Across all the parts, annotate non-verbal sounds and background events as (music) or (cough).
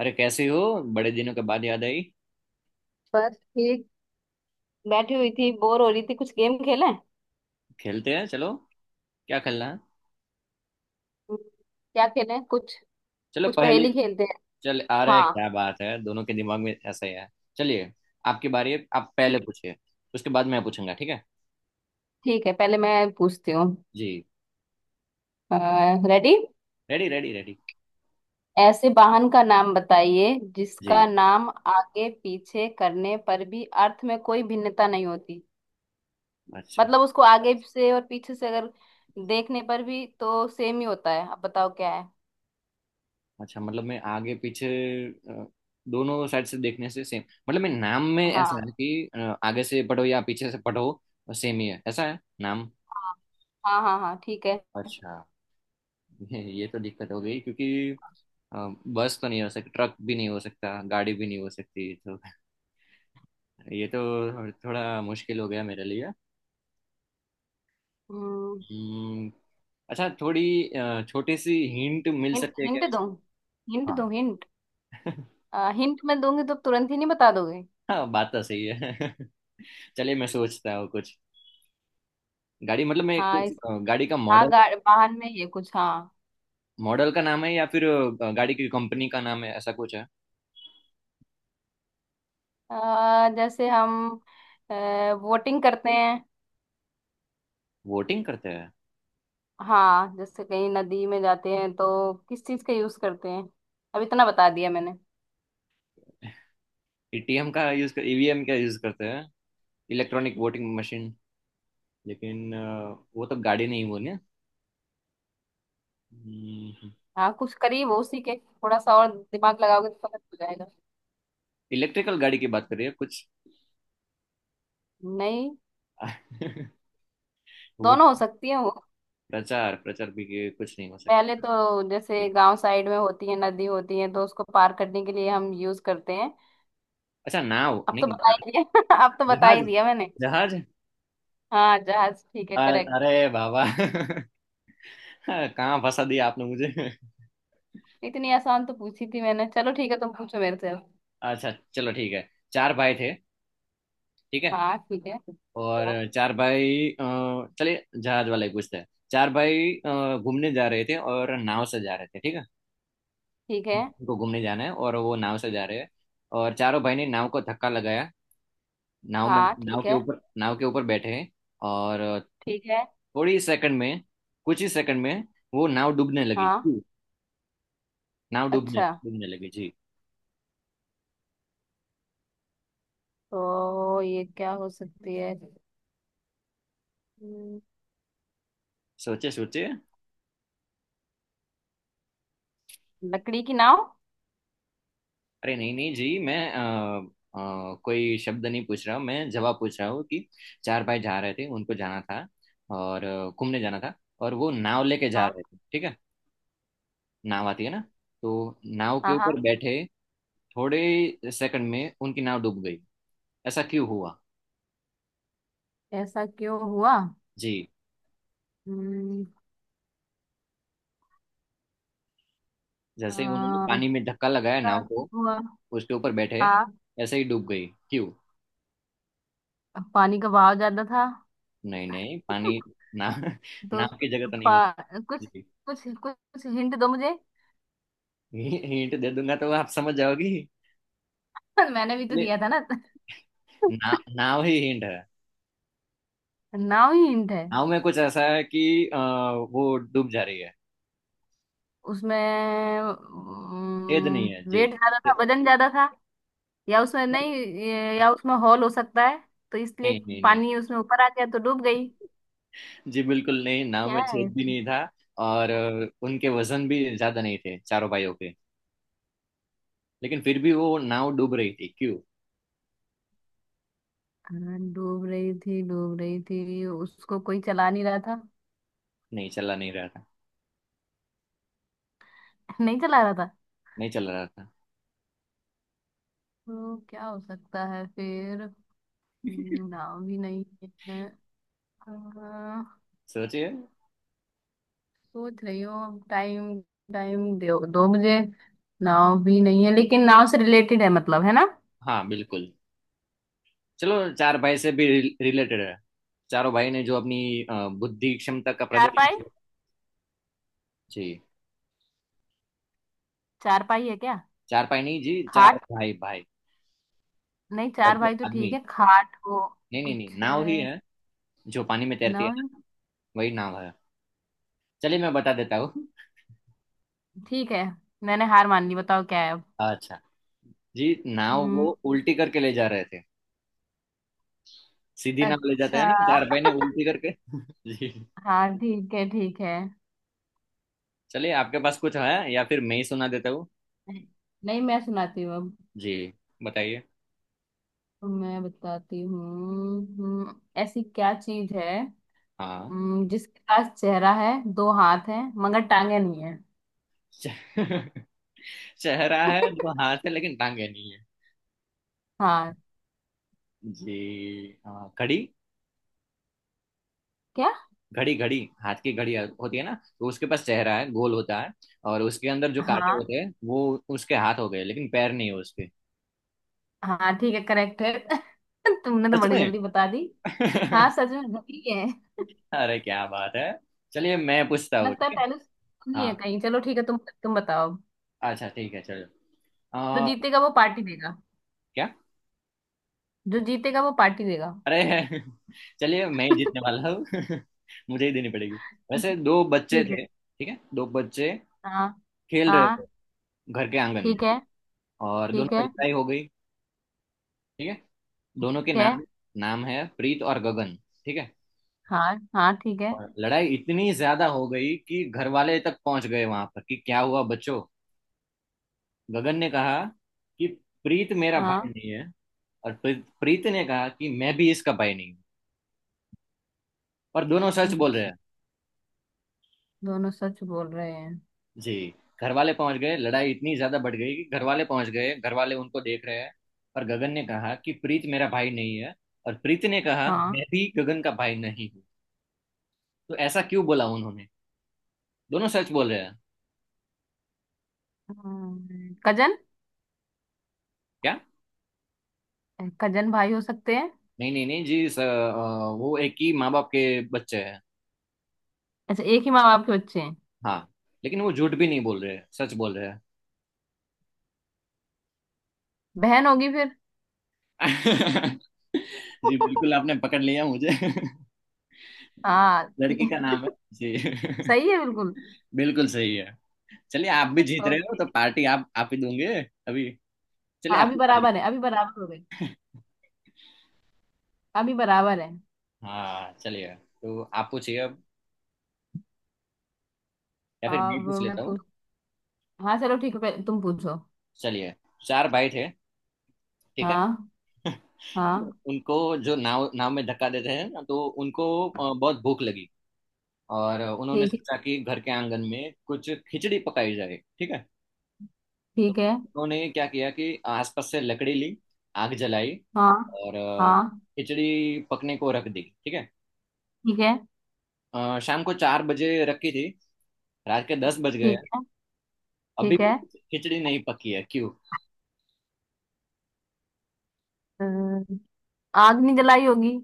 अरे कैसी हो? बड़े दिनों के बाद याद आई। बस ठीक। बैठी हुई थी, बोर हो रही थी। कुछ गेम खेलें? खेलते हैं चलो। क्या खेलना है? क्या खेलें कुछ? चलो कुछ पहली। पहेली खेलते हैं। चल आ रहा है, हाँ। क्या बात है, दोनों के दिमाग में ऐसा ही है। चलिए। आपकी बारी है, आप पहले ठीक। पूछिए। उसके बाद मैं पूछूंगा, ठीक है। ठीक है, पहले मैं पूछती हूँ। जी। रेडी? Ready, ready, ready. ऐसे वाहन का नाम बताइए जिसका जी। नाम आगे पीछे करने पर भी अर्थ में कोई भिन्नता नहीं होती। अच्छा। मतलब उसको आगे से और पीछे से अगर देखने पर भी तो सेम ही होता है। अब बताओ क्या है? अच्छा, मतलब मैं आगे पीछे। अ, दोनों साइड से देखने से सेम। मतलब मैं नाम में ऐसा हाँ, है कि आगे से पढ़ो या पीछे से पढ़ो। सेम ही है, ऐसा है नाम। हाँ, हाँ, हाँ, हाँ, ठीक है। अच्छा। ये तो दिक्कत हो गई, क्योंकि अ, बस तो नहीं हो सकती, ट्रक भी नहीं हो सकता, गाड़ी भी नहीं हो सकती, तो ये तो थोड़ा मुश्किल हो गया मेरे लिए। हिंट? हम्म, अच्छा, थोड़ी छोटी सी हिंट मिल सकती है क्या हिंट दूँ? हिंट दूँ? हाँ। हिंट? (laughs) हिंट मैं दूंगी तो तुरंत ही नहीं बता दोगे? हाँ, बात तो सही है। (laughs) चलिए मैं सोचता हूँ कुछ। गाड़ी, मतलब मैं हाँ, कुछ इस, गाड़ी का हाँ, मॉडल। वाहन में ये कुछ। हाँ। मॉडल का नाम है या फिर गाड़ी की कंपनी का नाम है, ऐसा कुछ है? जैसे हम वोटिंग करते हैं। वोटिंग करते हैं। हाँ, जैसे कहीं नदी में जाते हैं तो किस चीज का यूज करते हैं? अब इतना बता दिया मैंने। ईटीएम का यूज कर ईवीएम का यूज करते हैं। Electronic voting machine. लेकिन वो तो गाड़ी नहीं, वो ना। हम्म, हाँ, कुछ करीब हो। उसी के थोड़ा सा और दिमाग लगाओगे तो समझ हो जाएगा। इलेक्ट्रिकल गाड़ी की बात कर रही है कुछ? नहीं। (laughs) वो। दोनों हो सकती है वो। प्रचार प्रचार भी के कुछ नहीं हो पहले सकती। तो जैसे गांव साइड में होती है, नदी होती है तो उसको पार करने के लिए हम यूज करते हैं। अच्छा, नाव? अब तो नहीं, बता ही नाव। दिया। (laughs) अब तो बता ही जहाज। दिया मैंने। जहाज। हाँ, जहाज ठीक है, करेक्ट। अरे बाबा, (laughs) कहाँ फंसा दिया आपने मुझे? (laughs) इतनी आसान तो पूछी थी मैंने। चलो ठीक है, तुम पूछो मेरे से अब। अच्छा चलो ठीक है, चार भाई थे। ठीक है। हाँ ठीक है। और हाँ। चार भाई चलिए जहाज वाले पूछते हैं। चार भाई घूमने जा रहे थे और नाव से जा रहे थे, ठीक है। ठीक है। को घूमने जाना है और वो नाव से जा रहे हैं। और चारों भाई ने नाव को धक्का लगाया। नाव में, हाँ नाव ठीक के है। ऊपर नाव के ऊपर बैठे हैं। और ठीक है। थोड़ी सेकंड में कुछ ही सेकंड में वो नाव डूबने लगी हाँ। जी। नाव डूबने अच्छा, डूबने लगी जी। तो ये क्या हो सकती है? हम्म, सोचे सोचे। लकड़ी की नाव। अरे नहीं नहीं जी, मैं कोई शब्द नहीं पूछ रहा हूँ, मैं जवाब पूछ रहा हूँ कि चार भाई जा रहे थे, उनको जाना था। और घूमने जाना था। और वो नाव लेके जा हाँ, रहे थे, ठीक है। नाव आती है ना, तो नाव के हाँ, हाँ। ऊपर बैठे। थोड़े सेकंड में उनकी नाव डूब गई। ऐसा क्यों हुआ? ऐसा क्यों हुआ? जी। हम्म, जैसे ही उन्होंने आ, पानी में धक्का लगाया ऐसा नाव क्यों को, हुआ? उसके ऊपर बैठे, हाँ। ऐसे ही डूब गई, क्यों? पानी का बहाव ज्यादा था। नहीं नहीं, पानी। (laughs) ना। (laughs) तो नाव की जगह तो नहीं पा, कुछ होती। कुछ कुछ हिंट दो मुझे। जी, हिंट दे दूंगा तो आप समझ जाओगी। (laughs) मैंने भी तो अरे, दिया था ना। ना, नाव ही हिंट है। नाव ही हिंट है। नाव में कुछ ऐसा है कि वो डूब जा रही है। उसमें छेद नहीं है जी। वेट ज्यादा था, वजन ज्यादा था। या उसमें नहीं या उसमें हॉल हो सकता है, तो इसलिए नहीं नहीं नहीं। पानी उसमें ऊपर आ गया तो डूब गई। जी बिल्कुल नहीं, नाव क्या में है छेद भी इसमें? नहीं था। और उनके वजन भी ज्यादा नहीं थे चारों भाइयों के। लेकिन फिर भी वो नाव डूब रही थी, क्यों? हाँ, डूब रही थी, डूब रही थी, उसको कोई चला नहीं रहा था। नहीं, चला नहीं रहा था। (laughs) नहीं चला रहा था। नहीं चल रहा था। तो क्या हो सकता है फिर? (laughs) नाव भी नहीं है। अ, सोचिए। सोच रही हूँ। अब टाइम, टाइम दो दो मुझे। नाव भी नहीं है लेकिन नाव से रिलेटेड है, मतलब, है ना? हाँ बिल्कुल। चलो, चार भाई से भी रिलेटेड है। चारों भाई ने जो अपनी बुद्धि क्षमता का प्रदर्शन चारपाई? किया। जी। चारपाई है क्या? चार भाई नहीं जी, चार खाट? भाई भाई। नहीं, चार लड़के, भाई तो आदमी। ठीक है, खाट हो। नहीं नहीं कुछ। नहीं, नाव ही है, जो पानी में तैरती नौ? है ना, वही नाव है। चलिए मैं बता देता हूँ। ठीक है, मैंने हार मान ली, बताओ क्या है अब। अच्छा। जी, नाव वो हम्म। उल्टी करके ले जा रहे थे। सीधी नाव ले जाते अच्छा। हैं ना, चार भाई ने उल्टी करके। (laughs) जी। हाँ ठीक है, ठीक है। चलिए, आपके पास कुछ है या फिर मैं ही सुना देता हूँ? नहीं, मैं सुनाती हूँ अब। जी। बताइए। मैं बताती हूँ। ऐसी क्या चीज है? हाँ। जिसके पास चेहरा है, 2 हाथ है, मगर टांगे नहीं है? च- (laughs) चेहरा है, जो (laughs) हाथ है लेकिन टांगे नहीं है। हाँ। जी। हाँ, घड़ी। क्या? घड़ी, घड़ी। हाथ की घड़ी होती है ना। तो उसके पास चेहरा है, गोल होता है। और उसके अंदर जो कांटे हाँ, होते हैं, वो उसके हाथ हो गए, लेकिन पैर नहीं है उसके। हाँ, ठीक है करेक्ट है। (laughs) तुमने तो सच बड़ी में। जल्दी बता दी। हाँ, (laughs) सच में घड़ी है। अरे क्या बात है। चलिए मैं पूछता हूँ, लगता है ठीक है। पहले से नहीं है हाँ। कहीं। चलो ठीक है तुम। तुम बताओ। अच्छा ठीक है चलो। जो आ, जीतेगा वो पार्टी देगा। क्या? जो जीतेगा वो पार्टी देगा। अरे, (laughs) चलिए मैं ही जीतने (laughs) वाला हूँ। (laughs) मुझे ही देनी पड़ेगी। वैसे दो बच्चे ठीक है। थे, ठीक है, दो बच्चे हाँ। खेल रहे थे हाँ घर के आंगन में, ठीक है। और ठीक दोनों में है, ठीक लड़ाई हो गई, ठीक है। दोनों के है। नाम, नाम है प्रीत और गगन, ठीक है। हाँ। हाँ ठीक है। और लड़ाई इतनी ज्यादा हो गई कि घर वाले तक पहुंच गए वहां पर, कि क्या हुआ बच्चों। गगन ने कहा कि प्रीत मेरा हाँ। भाई नहीं है। और प्रीत प्रीत ने कहा कि मैं भी इसका भाई नहीं हूँ। पर दोनों सच बोल रहे हैं। दोनों सच बोल रहे हैं? जी। घर वाले पहुंच गए, लड़ाई इतनी ज्यादा बढ़ गई कि घर वाले पहुंच गए, घर वाले उनको देख रहे हैं। और गगन ने कहा कि प्रीत मेरा भाई नहीं है। और प्रीत ने कहा हाँ। मैं भी गगन का भाई नहीं हूँ। तो ऐसा क्यों बोला उन्होंने? दोनों सच बोल रहे हैं। कजन? क्या? कजन भाई हो सकते हैं। नहीं नहीं नहीं जी सर, वो एक ही माँ बाप के बच्चे हैं। अच्छा, एक ही माँ बाप के बच्चे हैं? हाँ। लेकिन वो झूठ भी नहीं बोल रहे हैं, सच बोल रहे हैं। बहन होगी फिर। (laughs) जी बिल्कुल, (laughs) आपने पकड़ लिया मुझे। (laughs) हाँ लड़की का ठीक- नाम है जी। सही है बिल्कुल। (laughs) बिल्कुल सही है। चलिए, आप भी (laughs) जीत रहे हो ओके। तो पार्टी आप ही दूंगे। अभी। चलिए, हाँ, अभी आपकी बारी। बराबर है, अभी बराबर हो गए। अभी बराबर है। हाँ चलिए, तो आप पूछिए अब। या फिर मैं अब पूछ मैं लेता हूँ। पूछ हाँ, चलो ठीक है, पहले तुम पूछो। चलिए। चार भाई थे, ठीक है। हाँ, (laughs) हाँ, उनको, जो नाव नाव में धक्का देते हैं ना, तो उनको बहुत भूख लगी। और उन्होंने ठीक है, सोचा कि घर के आंगन में कुछ खिचड़ी पकाई जाए, ठीक है। तो ठीक है। उन्होंने क्या किया कि आसपास से लकड़ी ली, आग जलाई, हाँ, और हाँ, खिचड़ी पकने को रख दी, ठीक है। ठीक है, शाम को चार बजे रखी थी, रात के दस बज गए। ठीक है, अभी ठीक भी है। खिचड़ी नहीं पकी है, क्यों? अम, आग नहीं जलाई होगी।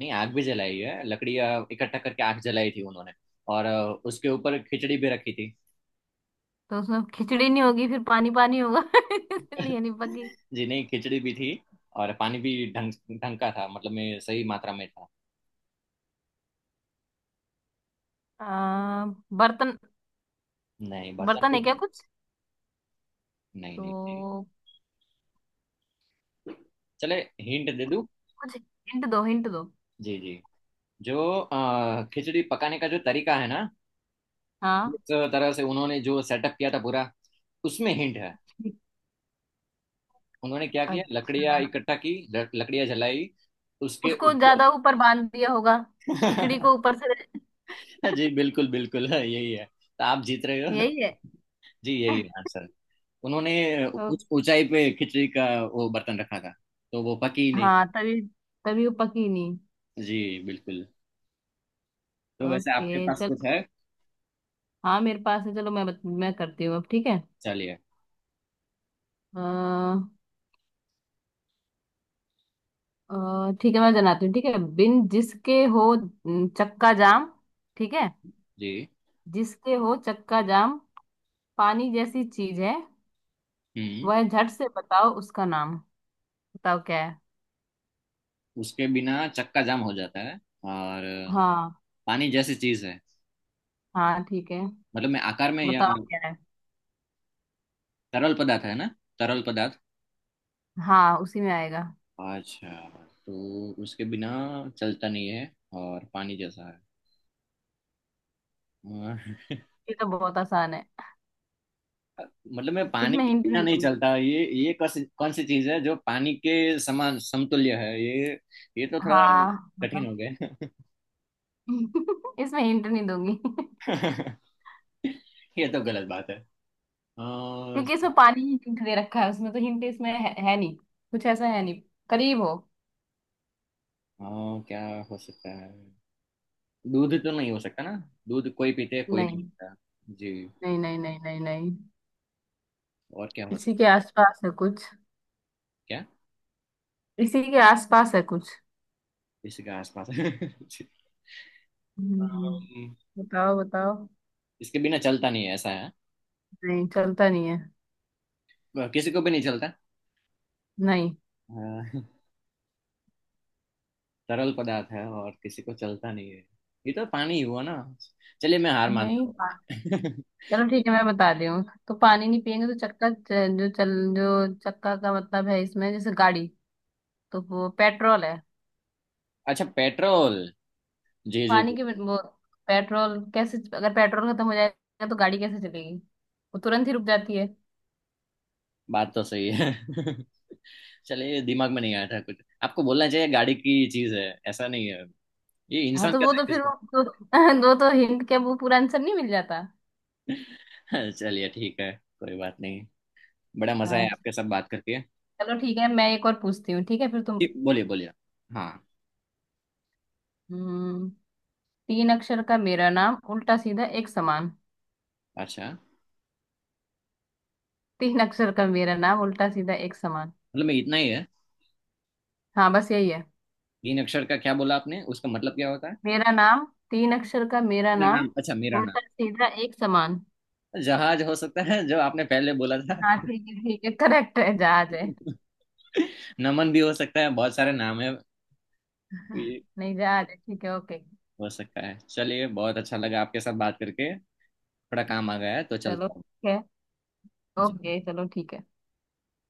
नहीं, आग भी जलाई है, लकड़ियाँ इकट्ठा करके आग जलाई थी उन्होंने। और उसके ऊपर खिचड़ी भी रखी थी। तो उसमें खिचड़ी नहीं होगी, फिर पानी पानी होगा (laughs) इसलिए नहीं पकी। जी नहीं, खिचड़ी भी थी। और पानी भी ढंग ढंग का था, मतलब मैं सही मात्रा में था। आ, बर्तन? नहीं, बर्तन बर्तन भी है क्या थे। कुछ? नहीं, नहीं थी। तो चले, हिंट दे कुछ दूँ? कुछ हिंट दो, हिंट दो। जी जी। जो खिचड़ी पकाने का जो तरीका है ना, हाँ। जिस तरह से उन्होंने जो सेटअप किया था पूरा, उसमें हिंट है। ठीक। उन्होंने क्या किया, लकड़ियां अच्छा। इकट्ठा की, लकड़ियां जलाई, उसके उसको ऊपर। ज्यादा ऊपर बांध दिया होगा। खिचड़ी को (laughs) ऊपर से। जी बिल्कुल बिल्कुल, यही है, तो आप जीत रहे हो। यही है। जी यही है (laughs) आंसर। उन्होंने ओ, कुछ ऊंचाई पे खिचड़ी का वो बर्तन रखा था, तो वो पकी ही नहीं। हाँ, तभी। तभी वो पकी नहीं। जी, बिल्कुल। तो वैसे आपके ओके, पास चल। कुछ है? हाँ, मेरे पास है, चलो मैं करती हूँ अब ठीक है। चलिए। अ, ठीक है, मैं जनाती हूँ ठीक है। बिन जिसके हो न, चक्का जाम। ठीक है। जी। जिसके हो चक्का जाम। पानी जैसी चीज है। हम्म। वह झट से बताओ उसका नाम। बताओ क्या है? उसके बिना चक्का जाम हो जाता है, और हाँ। पानी जैसी चीज है। हाँ ठीक है। मतलब मैं आकार में या बताओ क्या है? तरल पदार्थ है ना? तरल पदार्थ। हाँ, उसी में आएगा। अच्छा। तो उसके बिना चलता नहीं है और पानी जैसा है। ये तो बहुत आसान है। मतलब मैं पानी इसमें के हिंट बिना नहीं नहीं दूंगी। चलता, ये कौन सी चीज है जो पानी के समान समतुल्य है ये? ये तो थोड़ा हाँ कठिन बताओ। हो (laughs) इसमें हिंट नहीं दूंगी। (laughs) गया। (laughs) ये तो गलत बात है। और क्योंकि इसमें पानी ही हिंट दे रखा है, उसमें तो हिंट इसमें है नहीं कुछ, ऐसा है नहीं। करीब हो। और क्या हो सकता है? दूध तो नहीं हो सकता ना? दूध कोई पीते है, कोई नहीं नहीं। पीता। जी। नहीं, नहीं, नहीं, नहीं, नहीं। और क्या हो इसी के सकता है? आसपास है कुछ। क्या? इसी के आसपास है कुछ। किसी के आसपास? (laughs) जी। हम्म, अम, बताओ, बताओ। इसके बिना चलता नहीं है, ऐसा है। नहीं, चलता नहीं है। किसी को भी नहीं नहीं, चलता। तरल पदार्थ है और किसी को चलता नहीं है। ये तो पानी ही हुआ ना। चलिए मैं हार नहीं, मानता हूँ। (laughs) चलो ठीक है, मैं बता रही हूँ। तो हाँ। पानी नहीं पियेंगे तो जो चक्का का मतलब है, इसमें जैसे गाड़ी, तो वो पेट्रोल है। अच्छा, पेट्रोल। जी जी। वो पेट्रोल, कैसे अगर पेट्रोल खत्म हो जाएगा तो गाड़ी कैसे चलेगी? वो तुरंत ही रुक जाती है। बात तो सही है। (laughs) चलिए, ये दिमाग में नहीं आया था कुछ। आपको बोलना चाहिए गाड़ी की चीज है, ऐसा नहीं है। ये हाँ, इंसान तो का वो तो फिर सही वो, तो, (laughs) वो तो हिंट के, वो पूरा आंसर नहीं मिल जाता। है। (laughs) चलिए ठीक है, कोई बात नहीं। बड़ा मजा हाँ, है आपके साथ बात करके। चलो ठीक है, मैं एक और पूछती हूँ ठीक है फिर तुम। जी, बोलिए बोलिए। हाँ। हम्म, 3 अक्षर का मेरा नाम उल्टा सीधा एक समान। अच्छा, 3 अक्षर का मेरा नाम उल्टा सीधा एक समान। मतलब मैं इतना ही है। हाँ, बस यही है। तीन अक्षर का क्या बोला आपने, उसका मतलब क्या होता है? मेरा नाम, 3 अक्षर का मेरा मेरा नाम नाम? अच्छा, मेरा नाम। उल्टा सीधा एक समान। जहाज हो सकता है, जो आपने पहले बोला था। हाँ, ठीक है, ठीक है करेक्ट है, जहाज है। (laughs) नमन भी हो सकता है, बहुत सारे नाम है। (laughs) ये नहीं, जहाज है ठीक है, ओके। हो सकता है। चलिए, बहुत अच्छा लगा आपके साथ बात करके। थोड़ा काम आ गया है, तो चलो चलता ठीक है। हूँ। ओके, चलो ठीक है।